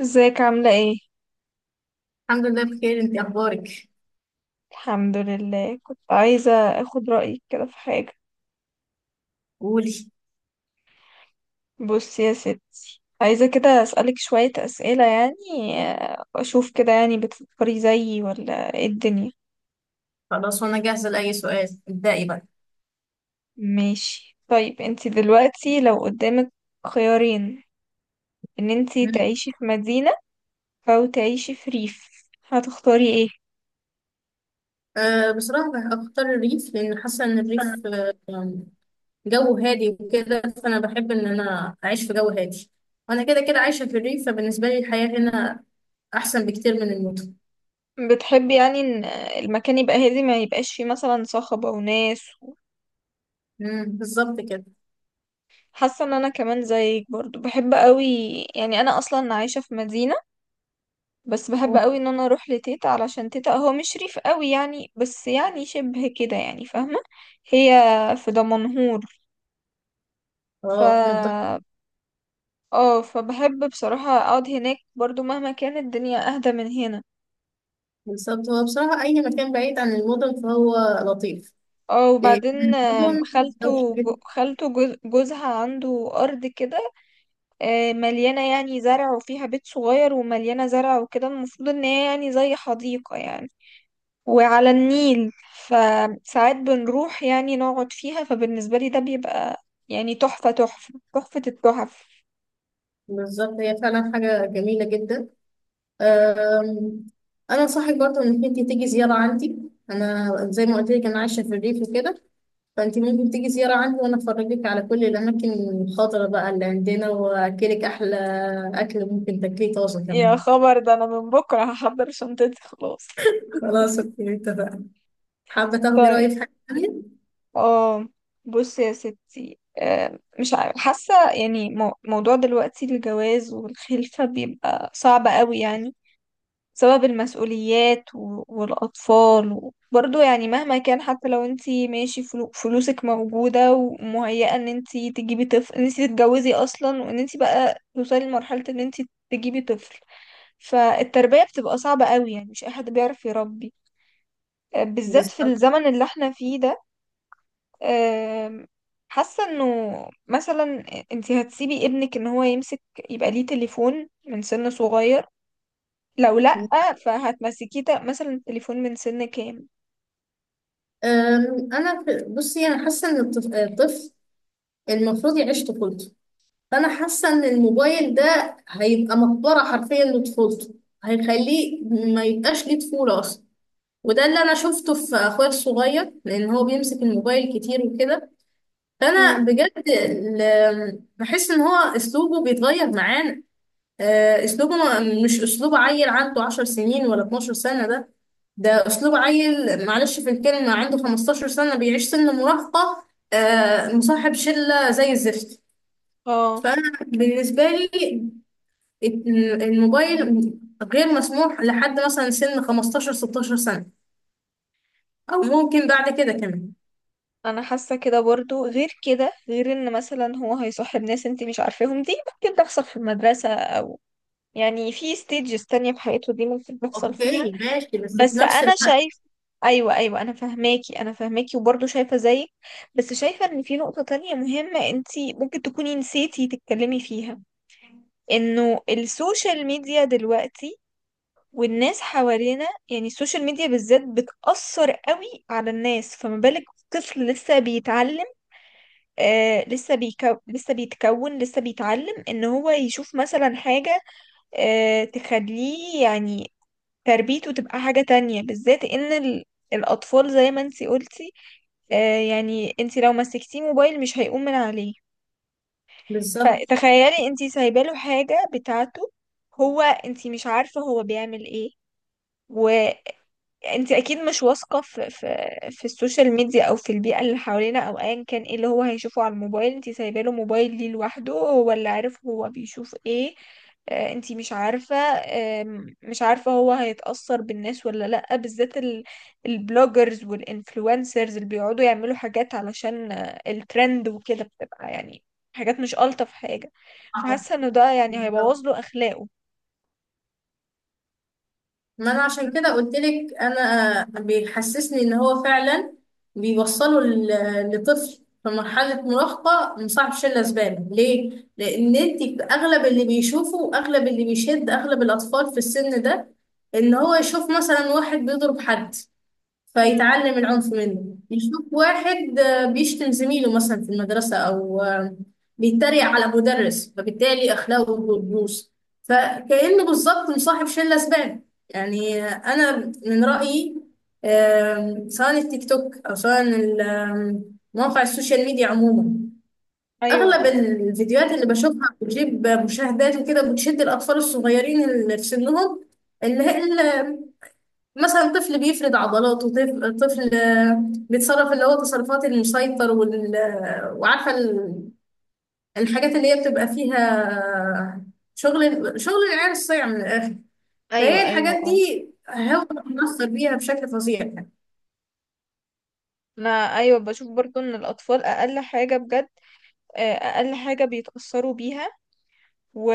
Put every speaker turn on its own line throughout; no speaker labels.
ازيك عاملة ايه؟
الحمد لله بخير، انت اخبارك؟
الحمد لله، كنت عايزة اخد رأيك كده في حاجة.
قولي.
بصي يا ستي، عايزة كده اسألك شوية اسئلة، يعني اشوف كده يعني بتفكري زيي ولا ايه الدنيا.
خلاص، وانا جاهزه لاي سؤال، ابدأي بقى.
ماشي، طيب انتي دلوقتي لو قدامك خيارين، ان انتي
مم.
تعيشي في مدينة او تعيشي في ريف، هتختاري ايه؟
أه، بصراحه هختار الريف لان حاسه ان الريف يعني جو هادي وكده، فانا بحب ان انا اعيش في جو هادي. وانا كده كده عايشه في الريف، فبالنسبه لي الحياه هنا احسن بكتير من المدن.
بتحبي يعني ان المكان يبقى هادي، ما يبقاش فيه مثلا صخب او ناس.
مم، بالظبط كده.
حاسه ان انا كمان زيك برضو بحب قوي، يعني انا اصلا عايشه في مدينه، بس بحب قوي ان انا اروح لتيتا، علشان تيتا هو مش ريف قوي يعني، بس يعني شبه كده، يعني فاهمه. هي في دمنهور. ف
اه، منطقة.
اه فبحب بصراحه اقعد هناك برضو، مهما كانت الدنيا اهدى من هنا.
بالظبط، هو بصراحة أي مكان بعيد عن المدن فهو لطيف.
اه،
لأن
وبعدين
المدن.
خالته جو- خالته جوز- جوزها عنده ارض كده، مليانه يعني زرع، وفيها بيت صغير ومليانه زرع وكده، المفروض ان هي يعني زي حديقه يعني، وعلى النيل، فساعات بنروح يعني نقعد فيها، فبالنسبة لي ده بيبقى يعني تحفة تحفة تحفة التحف.
بالظبط، هي فعلا حاجة جميلة جدا. أم، انا انصحك برضو انك انت تيجي زياره عندي. انا زي ما قلت لك، انا عايشه في الريف وكده، فانت ممكن تيجي زياره عندي وانا افرجك على كل الاماكن الخضراء بقى اللي عندنا، واكلك احلى اكل ممكن تاكليه طازه
يا
كمان.
خبر، ده انا من بكره هحضر شنطتي خلاص.
خلاص، اوكي، اتفقنا. حابه تاخدي
طيب.
رايي في حاجه تانية؟
اه. بص يا ستي، مش عارف، حاسة يعني موضوع دلوقتي الجواز والخلفة بيبقى صعب قوي يعني، بسبب المسؤوليات والأطفال برضو، يعني مهما كان، حتى لو انتي ماشي فلوسك موجودة ومهيئة ان انتي تجيبي طفل، ان انتي تتجوزي أصلا، وان انتي بقى توصلي لمرحلة ان انتي تجيبي طفل، فالتربية بتبقى صعبة قوي يعني، مش أي حد بيعرف يربي، بالذات في
بالظبط.
الزمن اللي احنا فيه ده. آم، حاسة انه مثلا انتي هتسيبي ابنك ان هو يمسك، يبقى ليه تليفون من سن صغير؟ لو لأ، فهتمسكيه مثلا التليفون من سن كام؟
بصي، انا حاسه ان الطفل المفروض يعيش طفولته. فانا حاسه ان الموبايل ده هيبقى مقبره حرفيا لطفولته، هيخليه ما يبقاش ليه طفوله اصلا. وده اللي انا شفته في اخويا الصغير، لان هو بيمسك الموبايل كتير وكده. فانا
امم.
بجد بحس ان هو اسلوبه بيتغير معانا. اسلوبه مش اسلوب عيل عنده 10 سنين ولا 12 سنه، ده اسلوب عيل، معلش في الكلمه، عنده 15 سنه بيعيش سن مراهقه، مصاحب شله زي الزفت.
اه،
فانا بالنسبه لي، الموبايل غير مسموح لحد مثلا سن 15 16 سنة، أو ممكن بعد كده كمان.
انا حاسه كده برضو، غير كده، غير ان مثلا هو هيصاحب ناس انتي مش عارفاهم، دي ممكن تحصل في المدرسه او يعني في ستيجز تانية في حياته، دي ممكن تحصل فيها.
اوكي ماشي، بس في
بس
نفس
انا
الوقت.
شايف. ايوه، ايوه، انا فاهماكي، انا فاهماكي، وبرضو شايفه زيك، بس شايفه ان في نقطه تانية مهمه انتي ممكن تكوني نسيتي تتكلمي فيها، انه السوشيال ميديا دلوقتي والناس حوالينا، يعني السوشيال ميديا بالذات بتأثر قوي على الناس، فما بالك طفل لسه بيتعلم، لسه بيتكون، لسه بيتعلم ان هو يشوف مثلا حاجة تخليه يعني تربيته تبقى حاجة تانية، بالذات ان الأطفال زي ما انتي قلتي، يعني انتي لو مسكتيه موبايل مش هيقوم من عليه.
بالظبط.
فتخيلي انتي سايباله حاجة بتاعته، هو انتي مش عارفة هو بيعمل ايه، انت اكيد مش واثقه في السوشيال ميديا او في البيئه اللي حوالينا او ايا كان، ايه اللي هو هيشوفه على الموبايل؟ انت سايبه له موبايل ليه لوحده؟ هو اللي عارف هو بيشوف ايه. انت مش عارفه، مش عارفه هو هيتاثر بالناس ولا لا، بالذات البلوجرز والانفلونسرز اللي بيقعدوا يعملوا حاجات علشان الترند وكده، بتبقى يعني حاجات مش الطف حاجه،
اه،
فحاسه انه ده يعني
بالظبط.
هيبوظ له اخلاقه.
ما أنا عشان كده قلت لك أنا بيحسسني إن هو فعلا بيوصله لطفل في مرحلة مراهقة مصعب شلة زبالة ليه؟ لأن أنت في أغلب اللي بيشوفه، وأغلب اللي بيشد أغلب الأطفال في السن ده، إن هو يشوف مثلا واحد بيضرب حد
امم.
فيتعلم العنف منه، يشوف واحد بيشتم زميله مثلا في المدرسة، أو بيتريق على مدرس، فبالتالي أخلاقه بتبوظ، فكأنه بالظبط مصاحب شلة زبالة يعني. أنا من رأيي، سواء التيك توك أو سواء ال- آم، مواقع السوشيال ميديا عموما،
ايوه،
أغلب
اه.
الفيديوهات اللي بشوفها بتجيب مشاهدات وكده، بتشد الأطفال الصغيرين اللي في سنهم، اللي هي مثلا طفل بيفرد عضلاته، طفل بيتصرف اللي هو تصرفات المسيطر وال... آه، وعارفة الحاجات اللي هي بتبقى فيها شغل، شغل العيال الصيع من الآخر. فهي
ايوه، ايوه،
الحاجات
اه.
دي هو بيتأثر بيها بشكل فظيع يعني.
انا ايوه بشوف برضو ان الاطفال اقل حاجه بجد، اقل حاجه بيتاثروا بيها و...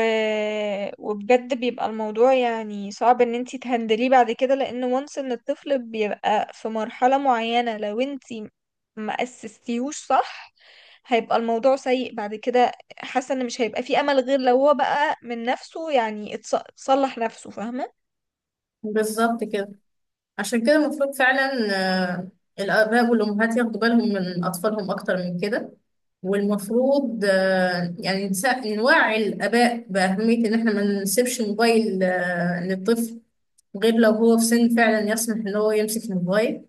وبجد بيبقى الموضوع يعني صعب ان انتي تهندليه بعد كده، لان وانس ان الطفل بيبقى في مرحله معينه، لو انتي ما اسستيهوش صح هيبقى الموضوع سيء بعد كده. حاسه ان مش هيبقى فيه امل غير لو هو بقى من نفسه يعني اتصلح نفسه، فاهمه.
بالظبط كده. عشان كده المفروض فعلا آه، الآباء والأمهات ياخدوا بالهم من أطفالهم أكتر من كده. والمفروض يعني نوعي الآباء بأهمية إن إحنا ما نسيبش موبايل للطفل، غير لو هو في سن فعلا يسمح ان هو يمسك الموبايل.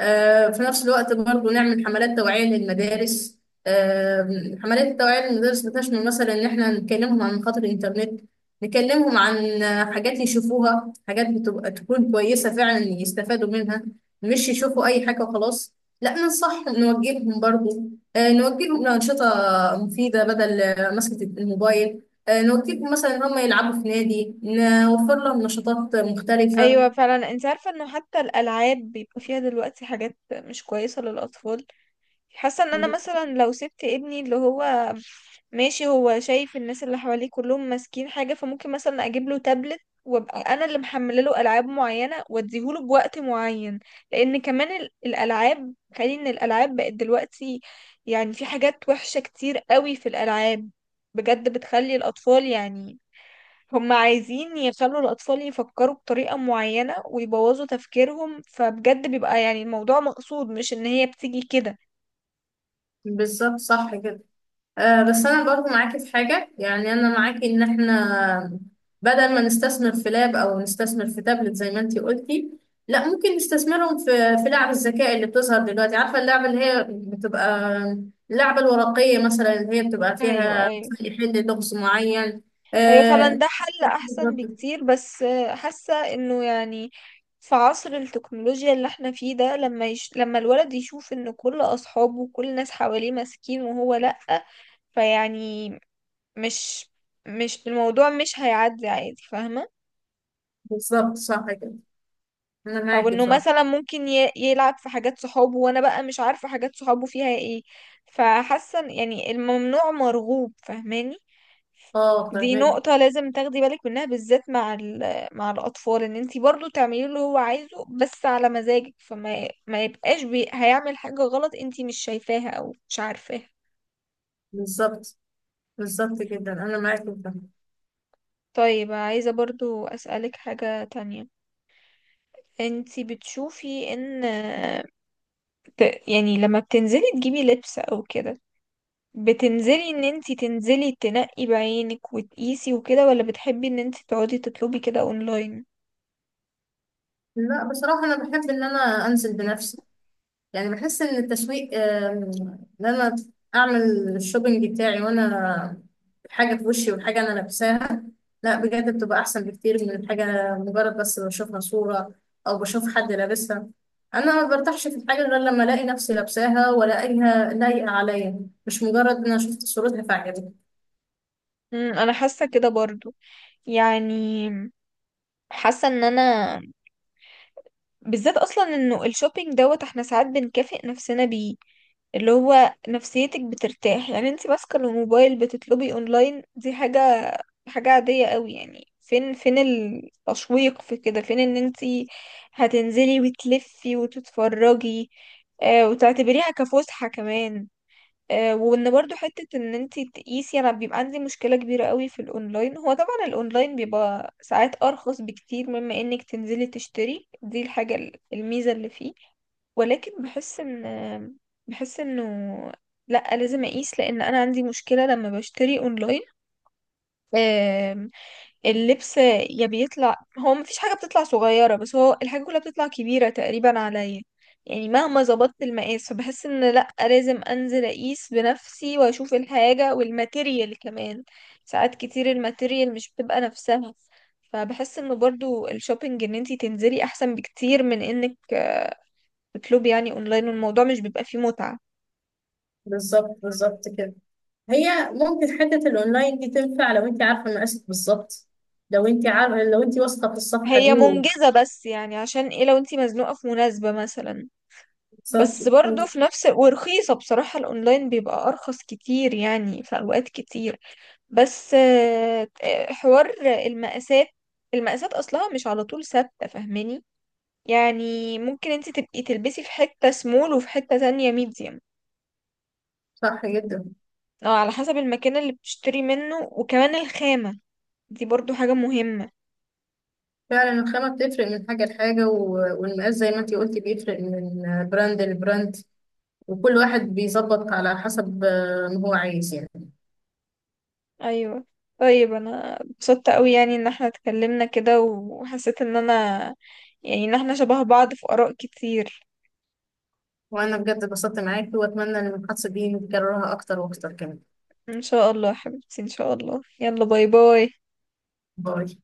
في نفس الوقت برضو نعمل حملات توعية للمدارس. حملات التوعية للمدارس بتشمل مثلا إن إحنا نكلمهم عن خطر الإنترنت، نكلمهم عن حاجات يشوفوها، حاجات بتبقى تكون كويسة فعلا يستفادوا منها، مش يشوفوا أي حاجة وخلاص. لا، ننصحهم، نوجههم برضو. نوجههم لأنشطة مفيدة بدل مسكة الموبايل. نوجههم مثلا إن هم يلعبوا في نادي، نوفر لهم نشاطات مختلفة.
ايوه فعلا، انت عارفه انه حتى الالعاب بيبقى فيها دلوقتي حاجات مش كويسه للاطفال. حاسه ان انا مثلا لو سبت ابني اللي هو ماشي، هو شايف الناس اللي حواليه كلهم ماسكين حاجه، فممكن مثلا اجيب له تابلت، وابقى انا اللي محمله له العاب معينه واديهوله بوقت معين، لان كمان الالعاب، خلي ان الالعاب بقت دلوقتي يعني في حاجات وحشه كتير قوي في الالعاب، بجد بتخلي الاطفال يعني، هم عايزين يخلوا الأطفال يفكروا بطريقة معينة ويبوظوا تفكيرهم، فبجد بيبقى يعني الموضوع مقصود، مش إن هي بتيجي كده.
بالظبط، صح كده. بس انا برضو معاكي في حاجه، يعني انا معاكي ان احنا بدل ما نستثمر في لاب او نستثمر في تابلت زي ما انتي قلتي، لا، ممكن نستثمرهم في لعب الذكاء اللي بتظهر دلوقتي، عارفه اللعبه اللي هي بتبقى، اللعبه الورقيه مثلا، اللي هي بتبقى
ايوه،
فيها
ايوه.
مثلاً يحل لغز معين.
ايوه فعلا،
آه،
ده حل احسن بكتير، بس حاسه انه يعني في عصر التكنولوجيا اللي احنا فيه ده، لما الولد يشوف ان كل اصحابه وكل الناس حواليه ماسكين وهو لأ، فيعني مش مش الموضوع مش هيعدي عادي، فاهمه.
بالظبط، صح كده. انا
او
معاكي
انه
بصراحه.
مثلا ممكن يلعب في حاجات صحابه، وانا بقى مش عارفه حاجات صحابه فيها ايه، فحاسه يعني الممنوع مرغوب، فاهماني.
اه،
دي
فهمك.
نقطة لازم تاخدي بالك منها، بالذات مع مع الأطفال، إن انتي برضو تعملي له اللي هو عايزه بس على مزاجك، فما ما يبقاش هيعمل حاجة غلط انتي مش شايفاها أو مش عارفاها.
بالظبط، بالظبط جدا، انا معاكي جدا.
طيب، عايزة برضو أسألك حاجة تانية. انتي بتشوفي إن ت... يعني لما بتنزلي تجيبي لبس أو كده، بتنزلي إن انتي تنزلي تنقي بعينك وتقيسي وكده، ولا بتحبي إن انتي تقعدي تطلبي كده أونلاين؟
لا بصراحه انا بحب ان انا انزل بنفسي. يعني بحس ان التسويق، ان انا اعمل الشوبينج بتاعي وانا حاجه في وشي والحاجه انا لابساها، لا بجد بتبقى احسن بكتير من الحاجه مجرد بس بشوفها صوره، او بشوف حد لابسها. انا ما برتاحش في الحاجه غير لما الاقي نفسي لابساها والاقيها لايقه عليا، مش مجرد ان انا شفت صورتها فعجبتني.
مم، أنا حاسة كده برضو، يعني حاسه ان انا، بالذات اصلا انه الشوبينج دوت، احنا ساعات بنكافئ نفسنا بيه، اللي هو نفسيتك بترتاح، يعني انت ماسكه الموبايل بتطلبي اونلاين، دي حاجه عاديه قوي، يعني فين التشويق في كده، فين ان انت هتنزلي وتلفي وتتفرجي وتعتبريها كفسحه كمان، وان برضو حتة ان انتي تقيسي، انا بيبقى عندي مشكلة كبيرة قوي في الاونلاين. هو طبعا الاونلاين بيبقى ساعات ارخص بكتير مما انك تنزلي تشتري، دي الحاجة الميزة اللي فيه، ولكن بحس ان، آه، بحس انه لا، لازم اقيس، لان انا عندي مشكلة لما بشتري اونلاين اللبس، يا بيطلع هو مفيش حاجة بتطلع صغيرة، بس هو الحاجة كلها بتطلع كبيرة تقريبا عليا، يعني مهما ظبطت المقاس فبحس ان لأ، لازم انزل اقيس بنفسي واشوف الحاجة والماتيريال كمان، ساعات كتير الماتيريال مش بتبقى نفسها. فبحس ان برضو الشوبينج ان انتي تنزلي احسن بكتير من انك تطلبي يعني اونلاين، والموضوع مش بيبقى فيه متعة.
بالظبط، بالظبط كده. هي ممكن حته الاونلاين دي تنفع لو انت عارفه مقاسك بالظبط، لو انت عارفه، لو انت واثقه في الصفحه
هي
دي و.
منجزة بس، يعني عشان ايه؟ لو انتي مزنوقة في مناسبة مثلا.
بالظبط،
بس برضه في نفس، ورخيصة بصراحة، الأونلاين بيبقى أرخص كتير يعني في أوقات كتير، بس حوار المقاسات المقاسات أصلها مش على طول ثابتة، فاهماني، يعني ممكن انت تبقي تلبسي في حتة سمول وفي حتة تانية ميديم،
صح جدا.
أو على حسب المكان اللي بتشتري منه، وكمان الخامة، دي برضو حاجة مهمة.
فعلا الخامة بتفرق من حاجة لحاجة، و- والمقاس زي ما انتي قلتي بيفرق من براند لبراند، وكل واحد بيظبط على حسب ما هو عايز يعني.
أيوة. طيب أنا اتبسطت أوي، يعني إن احنا اتكلمنا كده، وحسيت إن أنا، يعني إن احنا شبه بعض في آراء كتير.
وأنا بجد اتبسطت معاكي، وأتمنى إن المحادثة دي نكررها أكتر وأكتر كمان.
ان شاء الله يا حبيبتي، ان شاء الله، يلا، باي باي.
باي.